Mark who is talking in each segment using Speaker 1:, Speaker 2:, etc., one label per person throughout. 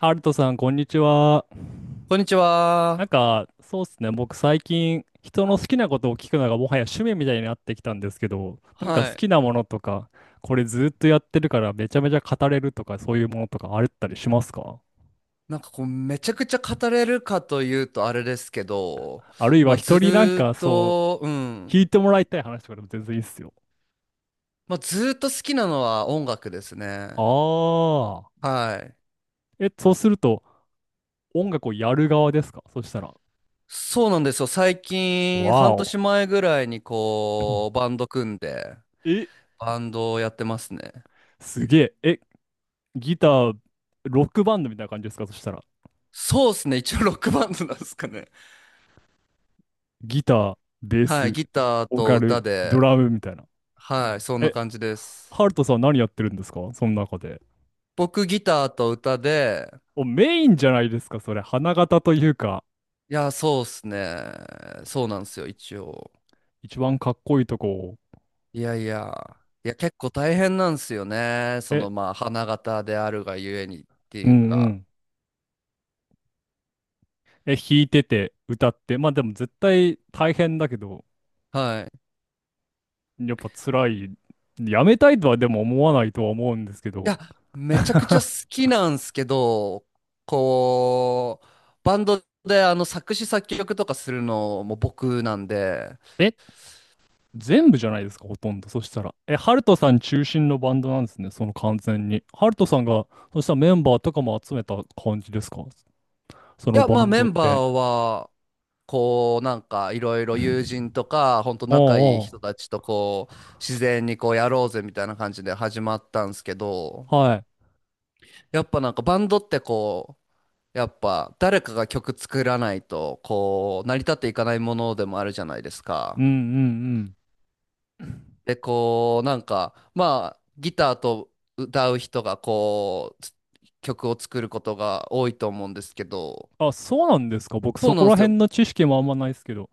Speaker 1: ハルトさん、こんにちは。
Speaker 2: こんにち
Speaker 1: なん
Speaker 2: は。
Speaker 1: か、そうっすね。僕、最近、人の好きなことを聞くのがもはや趣味みたいになってきたんですけど、なんか
Speaker 2: は
Speaker 1: 好き
Speaker 2: い。
Speaker 1: なものとか、これずっとやってるからめちゃめちゃ語れるとか、そういうものとかあったりしますか？
Speaker 2: なんかこう、めちゃくちゃ語れるかというとあれですけど、
Speaker 1: あるい
Speaker 2: ま
Speaker 1: は
Speaker 2: あず
Speaker 1: 人になん
Speaker 2: ーっ
Speaker 1: かそう、
Speaker 2: と、う
Speaker 1: 聞
Speaker 2: ん。
Speaker 1: いてもらいたい話とかでも全然いいっすよ。
Speaker 2: まあずーっと好きなのは音楽ですね。
Speaker 1: あ
Speaker 2: はい。
Speaker 1: ー。え、そうすると、音楽をやる側ですかそしたら。
Speaker 2: そうなんですよ。最
Speaker 1: わ
Speaker 2: 近、半年
Speaker 1: お。
Speaker 2: 前ぐらいにこう、バ ンド組んで、
Speaker 1: え、
Speaker 2: バンドをやってますね。
Speaker 1: すげえ。え、ギター、ロックバンドみたいな感じですかそしたら。
Speaker 2: そうですね。一応ロックバンドなんですかね。
Speaker 1: ギター、ベー
Speaker 2: はい。
Speaker 1: ス、
Speaker 2: ギター
Speaker 1: ボー
Speaker 2: と
Speaker 1: カ
Speaker 2: 歌
Speaker 1: ル、ド
Speaker 2: で、
Speaker 1: ラムみたいな。
Speaker 2: はい。そんな
Speaker 1: え、
Speaker 2: 感じです。
Speaker 1: ハルトさん何やってるんですかその中で。
Speaker 2: 僕ギターと歌で、
Speaker 1: お、メインじゃないですか、それ。花形というか、
Speaker 2: いや、そうっすね。そうなんですよ、一応。
Speaker 1: 一番かっこいいとこを。
Speaker 2: いやいや。いや、結構大変なんですよね。そ
Speaker 1: え、
Speaker 2: の、まあ、花形であるがゆえにって
Speaker 1: う
Speaker 2: い
Speaker 1: ん
Speaker 2: う
Speaker 1: う
Speaker 2: か。
Speaker 1: ん。え、弾いてて、歌って。まあでも絶対大変だけど、
Speaker 2: はい。い
Speaker 1: やっぱ辛い。やめたいとはでも思わないとは思うんですけど。
Speaker 2: や、めちゃくちゃ好 きなんすけど、こう、バンドで作詞作曲とかするのも僕なんで、
Speaker 1: え、全部じゃないですか、ほとんど。そしたら。え、ハルトさん中心のバンドなんですね、その完全に。ハルトさんが、そしたらメンバーとかも集めた感じですかそ
Speaker 2: い
Speaker 1: の
Speaker 2: や、ま
Speaker 1: バ
Speaker 2: あ
Speaker 1: ン
Speaker 2: メ
Speaker 1: ドっ
Speaker 2: ンバ
Speaker 1: て。
Speaker 2: ーは、こう、なんかいろいろ友人とか、ほんと 仲いい
Speaker 1: お
Speaker 2: 人
Speaker 1: う
Speaker 2: たちとこう、自然にこうやろうぜみたいな感じで始まったんですけど、
Speaker 1: おう、はい。
Speaker 2: やっぱなんかバンドってこう、やっぱ誰かが曲作らないとこう成り立っていかないものでもあるじゃないです
Speaker 1: うん
Speaker 2: か。
Speaker 1: うんうん。
Speaker 2: で、こうなんかまあギターと歌う人がこう曲を作ることが多いと思うんですけど、
Speaker 1: あ、そうなんですか。僕、
Speaker 2: そ
Speaker 1: そ
Speaker 2: うな
Speaker 1: こ
Speaker 2: んで
Speaker 1: ら
Speaker 2: すよ。
Speaker 1: 辺の知識もあんまないですけど。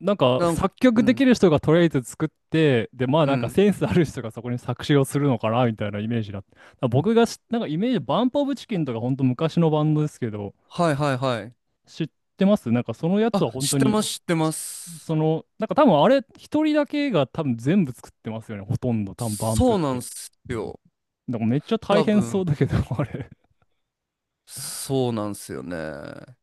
Speaker 1: なんか、
Speaker 2: なん、
Speaker 1: 作
Speaker 2: う
Speaker 1: 曲で
Speaker 2: ん、
Speaker 1: きる人がとりあえず作って、で、まあ、
Speaker 2: う
Speaker 1: なんか
Speaker 2: ん。
Speaker 1: センスある人がそこに作詞をするのかな、みたいなイメージだった。だから僕が、なんかイメージ、バンプオブチキンとか、ほんと昔のバンドですけど、
Speaker 2: はいはいはい。
Speaker 1: 知ってますなんかそのやつ
Speaker 2: あ、
Speaker 1: は本
Speaker 2: 知っ
Speaker 1: 当
Speaker 2: て
Speaker 1: に、
Speaker 2: ます知って
Speaker 1: し
Speaker 2: ま
Speaker 1: そ
Speaker 2: す。
Speaker 1: の、なんか多分あれ、一人だけが多分全部作ってますよね。ほとんど、多分バンプっ
Speaker 2: そうなん
Speaker 1: て。
Speaker 2: ですよ。
Speaker 1: だからめっちゃ大
Speaker 2: 多
Speaker 1: 変そう
Speaker 2: 分、
Speaker 1: だけど、あれ。
Speaker 2: そうなんですよね。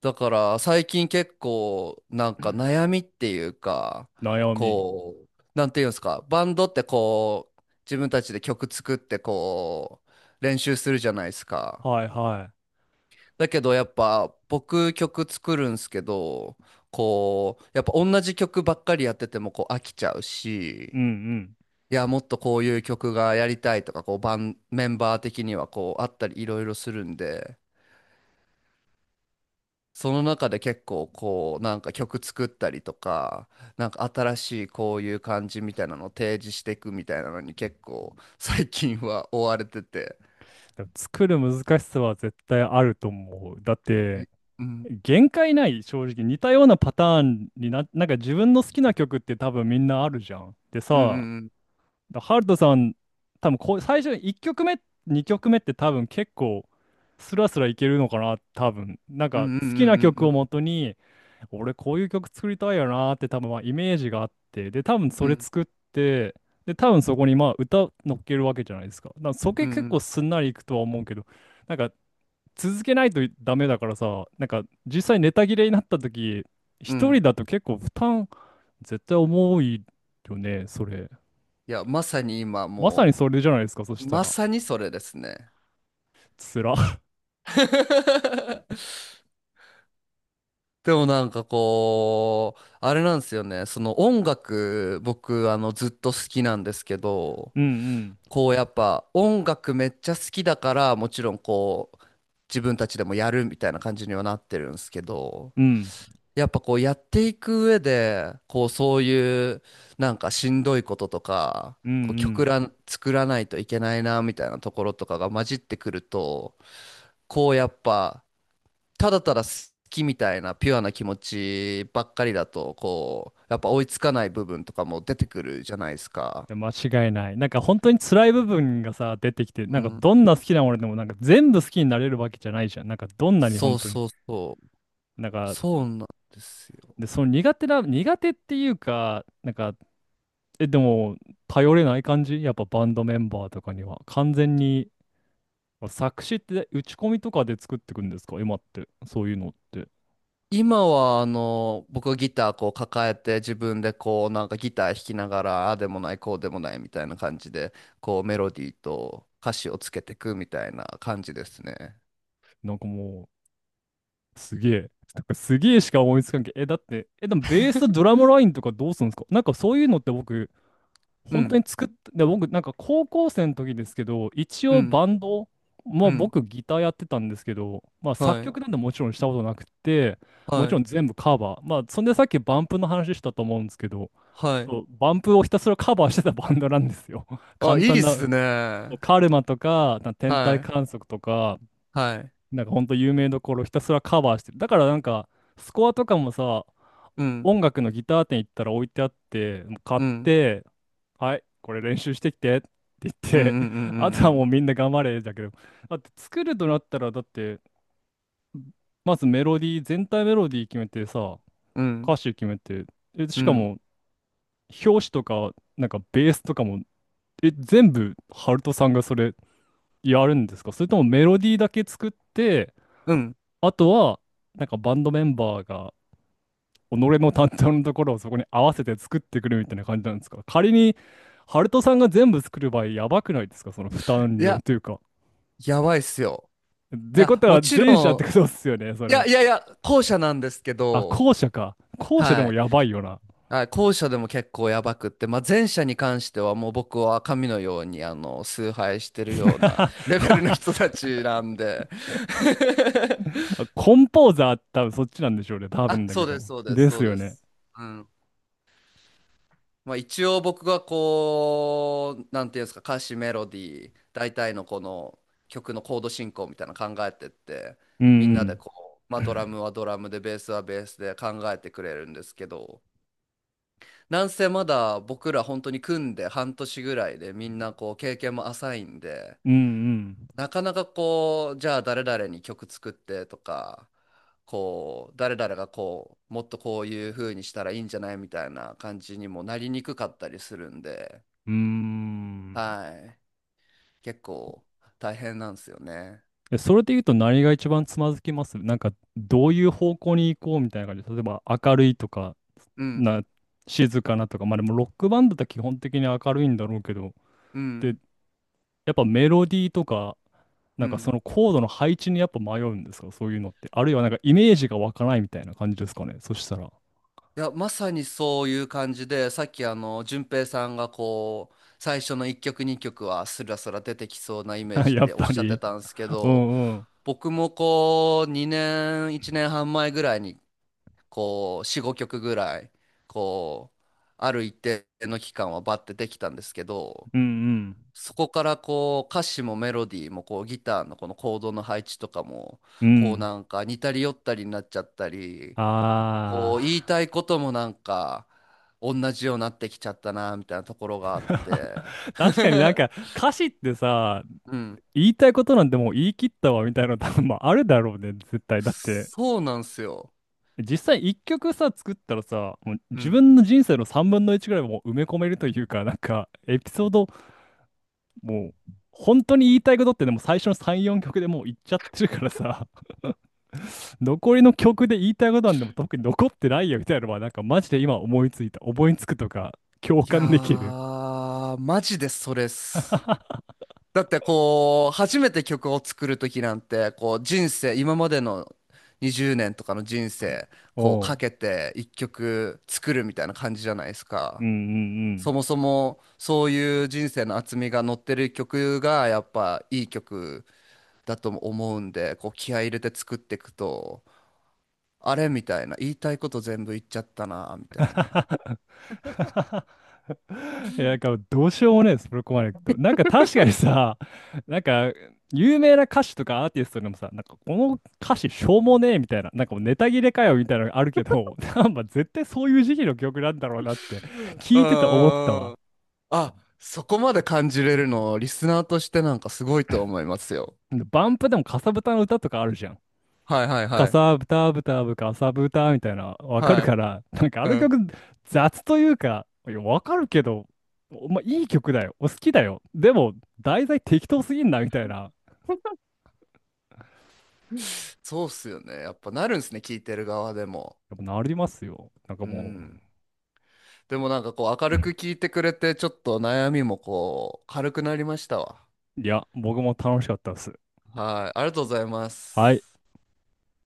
Speaker 2: だから最近結構なんか悩みっていうか、
Speaker 1: 悩み。
Speaker 2: こうなんていうんですか、バンドってこう自分たちで曲作ってこう練習するじゃないですか。
Speaker 1: はいは
Speaker 2: だけどやっぱ僕曲作るんすけど、こうやっぱ同じ曲ばっかりやっててもこう飽きちゃう
Speaker 1: い。うん
Speaker 2: し、
Speaker 1: うん。
Speaker 2: いやもっとこういう曲がやりたいとか、こうメンバー的にはこうあったりいろいろするんで。その中で結構こうなんか曲作ったりとか、なんか新しいこういう感じみたいなのを提示していくみたいなのに結構最近は追われてて。
Speaker 1: だから作る難しさは絶対あると思う。だっ
Speaker 2: え
Speaker 1: て、
Speaker 2: うん
Speaker 1: 限界ない、正直。似たようなパターンに、なんか自分の好きな曲って多分みんなあるじゃん。で
Speaker 2: う
Speaker 1: さ、
Speaker 2: ん
Speaker 1: だハルトさん、多分こう最初1曲目、2曲目って多分結構スラスラいけるのかな、多分。なん
Speaker 2: う
Speaker 1: か
Speaker 2: んうんうん
Speaker 1: 好きな
Speaker 2: う
Speaker 1: 曲を
Speaker 2: ん
Speaker 1: もとに、俺こういう曲作りたいよなーって多分まあイメージがあって、で、多分そ
Speaker 2: うんうん
Speaker 1: れ
Speaker 2: うん
Speaker 1: 作って、で、多分そこにまあ歌乗っけるわけじゃないですか。だからそこ
Speaker 2: う
Speaker 1: 結
Speaker 2: ん
Speaker 1: 構すんなりいくとは思うけど、なんか続けないとダメだからさ、なんか実際ネタ切れになった時、
Speaker 2: う
Speaker 1: 一人
Speaker 2: ん。
Speaker 1: だと結構負担絶対重いよね、それ。
Speaker 2: いや、まさに今
Speaker 1: まさに
Speaker 2: も。
Speaker 1: それじゃないですか、そした
Speaker 2: ま
Speaker 1: ら。
Speaker 2: さにそれですね。
Speaker 1: つら。
Speaker 2: でもなんかこうあれなんですよね、その音楽僕ずっと好きなんですけど、
Speaker 1: うん
Speaker 2: こうやっぱ音楽めっちゃ好きだからもちろんこう自分たちでもやるみたいな感じにはなってるんですけど、
Speaker 1: うん。うん。
Speaker 2: やっぱこうやっていく上でこうそういうなんかしんどいこととか、
Speaker 1: うんう
Speaker 2: こう曲
Speaker 1: ん。
Speaker 2: らん作らないといけないなみたいなところとかが混じってくると、こうやっぱただただ好きみたいなピュアな気持ちばっかりだとこうやっぱ追いつかない部分とかも出てくるじゃないですか。
Speaker 1: いや、間違いない。なんか本当に辛い部分がさ、出てきて、な
Speaker 2: う
Speaker 1: んか
Speaker 2: ん、
Speaker 1: どんな好きなものでもなんか全部好きになれるわけじゃないじゃん。なんかどんなに
Speaker 2: そ
Speaker 1: 本
Speaker 2: う
Speaker 1: 当に。
Speaker 2: そうそう、
Speaker 1: なんか、
Speaker 2: そうなんですよ。
Speaker 1: で、その苦手な、苦手っていうか、なんか、え、でも、頼れない感じやっぱバンドメンバーとかには。完全にまあ作詞って打ち込みとかで作ってくんですか今って。そういうのって。
Speaker 2: 今は僕はギターこう抱えて自分でこうなんかギター弾きながらああでもないこうでもないみたいな感じで、こうメロディーと歌詞をつけていくみたいな感じですね。
Speaker 1: なんかもう、すげえ。なんかすげえしか思いつかんけど。え、だって、え、でもベースとドラムラインとかどうするんですかなんかそういうのって僕、
Speaker 2: う
Speaker 1: 本当
Speaker 2: ん
Speaker 1: に作ってで、僕、なんか高校生の時ですけど、一
Speaker 2: う
Speaker 1: 応
Speaker 2: ん
Speaker 1: バンド、まあ
Speaker 2: うん。
Speaker 1: 僕ギターやってたんですけど、まあ
Speaker 2: は
Speaker 1: 作
Speaker 2: い
Speaker 1: 曲なんてもちろんしたことなくて、
Speaker 2: は
Speaker 1: もちろ
Speaker 2: い
Speaker 1: ん全部カバー。まあそんでさっきバンプの話したと思うんですけど、
Speaker 2: はい。
Speaker 1: そう、バンプをひたすらカバーしてたバンドなんですよ。
Speaker 2: あ、
Speaker 1: 簡
Speaker 2: いい
Speaker 1: 単
Speaker 2: っ
Speaker 1: な、
Speaker 2: すね。は
Speaker 1: カルマとか、天体
Speaker 2: い
Speaker 1: 観測とか、
Speaker 2: はい。
Speaker 1: なんかほんと有名どころをひたすらカバーしてる。だからなんか、スコアとかもさ、
Speaker 2: うん
Speaker 1: 音楽のギター店行ったら置いてあって、もう買っ
Speaker 2: うん
Speaker 1: て、はい、これ練習してきてって言っ
Speaker 2: うんう
Speaker 1: て、
Speaker 2: ん
Speaker 1: あと
Speaker 2: う
Speaker 1: はもう
Speaker 2: ん
Speaker 1: みんな頑張れだけど、だって作るとなったら、だって、まずメロディー、全体メロディー決めてさ、
Speaker 2: うんう
Speaker 1: 歌
Speaker 2: ん
Speaker 1: 詞決めて、え、
Speaker 2: う
Speaker 1: しか
Speaker 2: ん
Speaker 1: も、表紙とか、なんかベースとかも、え、全部、ハルトさんがそれやるんですかそれともメロディーだけ作って、
Speaker 2: うん。
Speaker 1: あとは、なんかバンドメンバーが己の担当のところをそこに合わせて作ってくるみたいな感じなんですか仮に、ハルトさんが全部作る場合、やばくないですかその負担
Speaker 2: い
Speaker 1: 量
Speaker 2: や、
Speaker 1: というか。
Speaker 2: やばいっすよ。
Speaker 1: っ
Speaker 2: い
Speaker 1: てこ
Speaker 2: や
Speaker 1: と
Speaker 2: も
Speaker 1: は、
Speaker 2: ち
Speaker 1: 前者って
Speaker 2: ろ
Speaker 1: ことですよね、そ
Speaker 2: んいや
Speaker 1: れ。
Speaker 2: いやいや、後者なんですけ
Speaker 1: あ、
Speaker 2: ど。
Speaker 1: 後者か。後者で
Speaker 2: は
Speaker 1: も
Speaker 2: い。
Speaker 1: やばいよな。
Speaker 2: あ、後者でも結構やばくって、まあ、前者に関してはもう僕は神のように崇拝してるような レベルの 人たちなんで
Speaker 1: コンポーザー多分そっちなんでしょうね、多
Speaker 2: あ、
Speaker 1: 分だけ
Speaker 2: そう
Speaker 1: ど。
Speaker 2: です、そうです、
Speaker 1: で
Speaker 2: そ
Speaker 1: す
Speaker 2: う
Speaker 1: よ
Speaker 2: で
Speaker 1: ね。
Speaker 2: す。うん。まあ、一応僕がこう、なんていうんですか、歌詞、メロディー、大体のこの曲のコード進行みたいなの考えてって、
Speaker 1: う
Speaker 2: みんなで
Speaker 1: ん
Speaker 2: こう、ま
Speaker 1: う
Speaker 2: あ、ドラ
Speaker 1: ん。
Speaker 2: ムはドラムで、ベースはベースで考えてくれるんですけど、なんせまだ僕ら本当に組んで半年ぐらいでみんなこう経験も浅いんで、
Speaker 1: うん
Speaker 2: なかなかこう、じゃあ誰々に曲作ってとか、こう、誰々がこう、もっとこういう風にしたらいいんじゃないみたいな感じにもなりにくかったりするんで、
Speaker 1: うん。うーん。
Speaker 2: はい。結構大変なんですよね。
Speaker 1: えそれで言うと何が一番つまずきますなんか、どういう方向に行こうみたいな感じ。例えば、明るいとか、
Speaker 2: うん、
Speaker 1: な、静かなとか、まあでもロックバンドって基本的に明るいんだろうけど、
Speaker 2: う
Speaker 1: で、
Speaker 2: ん、
Speaker 1: やっぱメロディーとか、
Speaker 2: う
Speaker 1: なんかそ
Speaker 2: ん。
Speaker 1: のコードの配置にやっぱ迷うんですか、そういうのって。あるいはなんかイメージが湧かないみたいな感じですかね、そしたら。
Speaker 2: いや、まさにそういう感じで、さっき淳平さんがこう、最初の1曲2曲はスラスラ出てきそうなイメー ジっ
Speaker 1: やっ
Speaker 2: ておっ
Speaker 1: ぱ
Speaker 2: しゃって
Speaker 1: り。
Speaker 2: たんですけ
Speaker 1: う
Speaker 2: ど、
Speaker 1: んうん。
Speaker 2: 僕もこう、2年、1年半前ぐらいに、こう、4、5曲ぐらい、こう、ある一定の期間はバッてできたんですけど、
Speaker 1: うん
Speaker 2: そこからこう、歌詞もメロディーもこう、ギターのこのコードの配置とかも、
Speaker 1: うん。う
Speaker 2: こう
Speaker 1: ん。
Speaker 2: なんか似たり寄ったりになっちゃったり、
Speaker 1: あ
Speaker 2: こう言いた
Speaker 1: あ。
Speaker 2: いこともなんか同じようになってきちゃったなみたいなところがあって。
Speaker 1: 確かになんか歌詞ってさ、
Speaker 2: うん、
Speaker 1: 言いたいことなんてもう言い切ったわみたいなの多分まああるだろうね、絶対。だって
Speaker 2: そうなんすよ。
Speaker 1: 実際一曲さ、作ったらさ、もう
Speaker 2: う
Speaker 1: 自
Speaker 2: ん、
Speaker 1: 分の人生の3分の1ぐらいもう埋め込めるというか、なんか、エピソード、もう、本当に言いたいことってでも最初の3、4曲でもう言っちゃってるからさ、残りの曲で言いたいことなんでも特に残ってないよみたいなのは、なんかマジで今思いついた。思いつくとか、共
Speaker 2: い
Speaker 1: 感できる。
Speaker 2: やーマジでそれっす。 だってこう初めて曲を作る時なんてこう、人生今までの20年とかの人生こう
Speaker 1: お
Speaker 2: か
Speaker 1: う。
Speaker 2: けて1曲作るみたいな感じじゃないです
Speaker 1: うん
Speaker 2: か。
Speaker 1: うんう
Speaker 2: そ
Speaker 1: ん。
Speaker 2: もそもそういう人生の厚みが乗ってる曲がやっぱいい曲だと思うんで、こう気合い入れて作っていくと、あれみたいな、言いたいこと全部言っちゃったな、みたいな。
Speaker 1: いや、なんかどうしようもないです、プロコマネクト。なんか確かにさ、なんか有名な歌手とかアーティストでもさ、なんかこの歌詞しょうもねえみたいな、なんかもうネタ切れかよみたいなのがあるけど、なんか絶対そういう時期の曲なんだろうなって
Speaker 2: う
Speaker 1: 聞いてて思った
Speaker 2: ー
Speaker 1: わ。
Speaker 2: ん。あ、そこまで感じれるの、リスナーとしてなんかすごいと思いますよ。
Speaker 1: バンプでもかさぶたの歌とかあるじゃん。
Speaker 2: はいはい
Speaker 1: か
Speaker 2: はい。
Speaker 1: さぶたぶたぶかさぶたみたいな、わかる
Speaker 2: は
Speaker 1: から、なんかあ
Speaker 2: い。う
Speaker 1: の
Speaker 2: ん。
Speaker 1: 曲雑というか、いや、わかるけど、おまあ、いい曲だよ。お好きだよ。でも、題材適当すぎんな、みたいな。
Speaker 2: そうっすよね。やっぱなるんすね、聞いてる側でも。
Speaker 1: やっぱなりますよ。なんか
Speaker 2: う
Speaker 1: も
Speaker 2: ん。でもなんかこう明
Speaker 1: う、
Speaker 2: るく聞いてくれて、ちょっと悩みもこう軽くなりましたわ。
Speaker 1: いや、僕も楽しかったです。
Speaker 2: はい。ありがとうございま
Speaker 1: はい。
Speaker 2: す。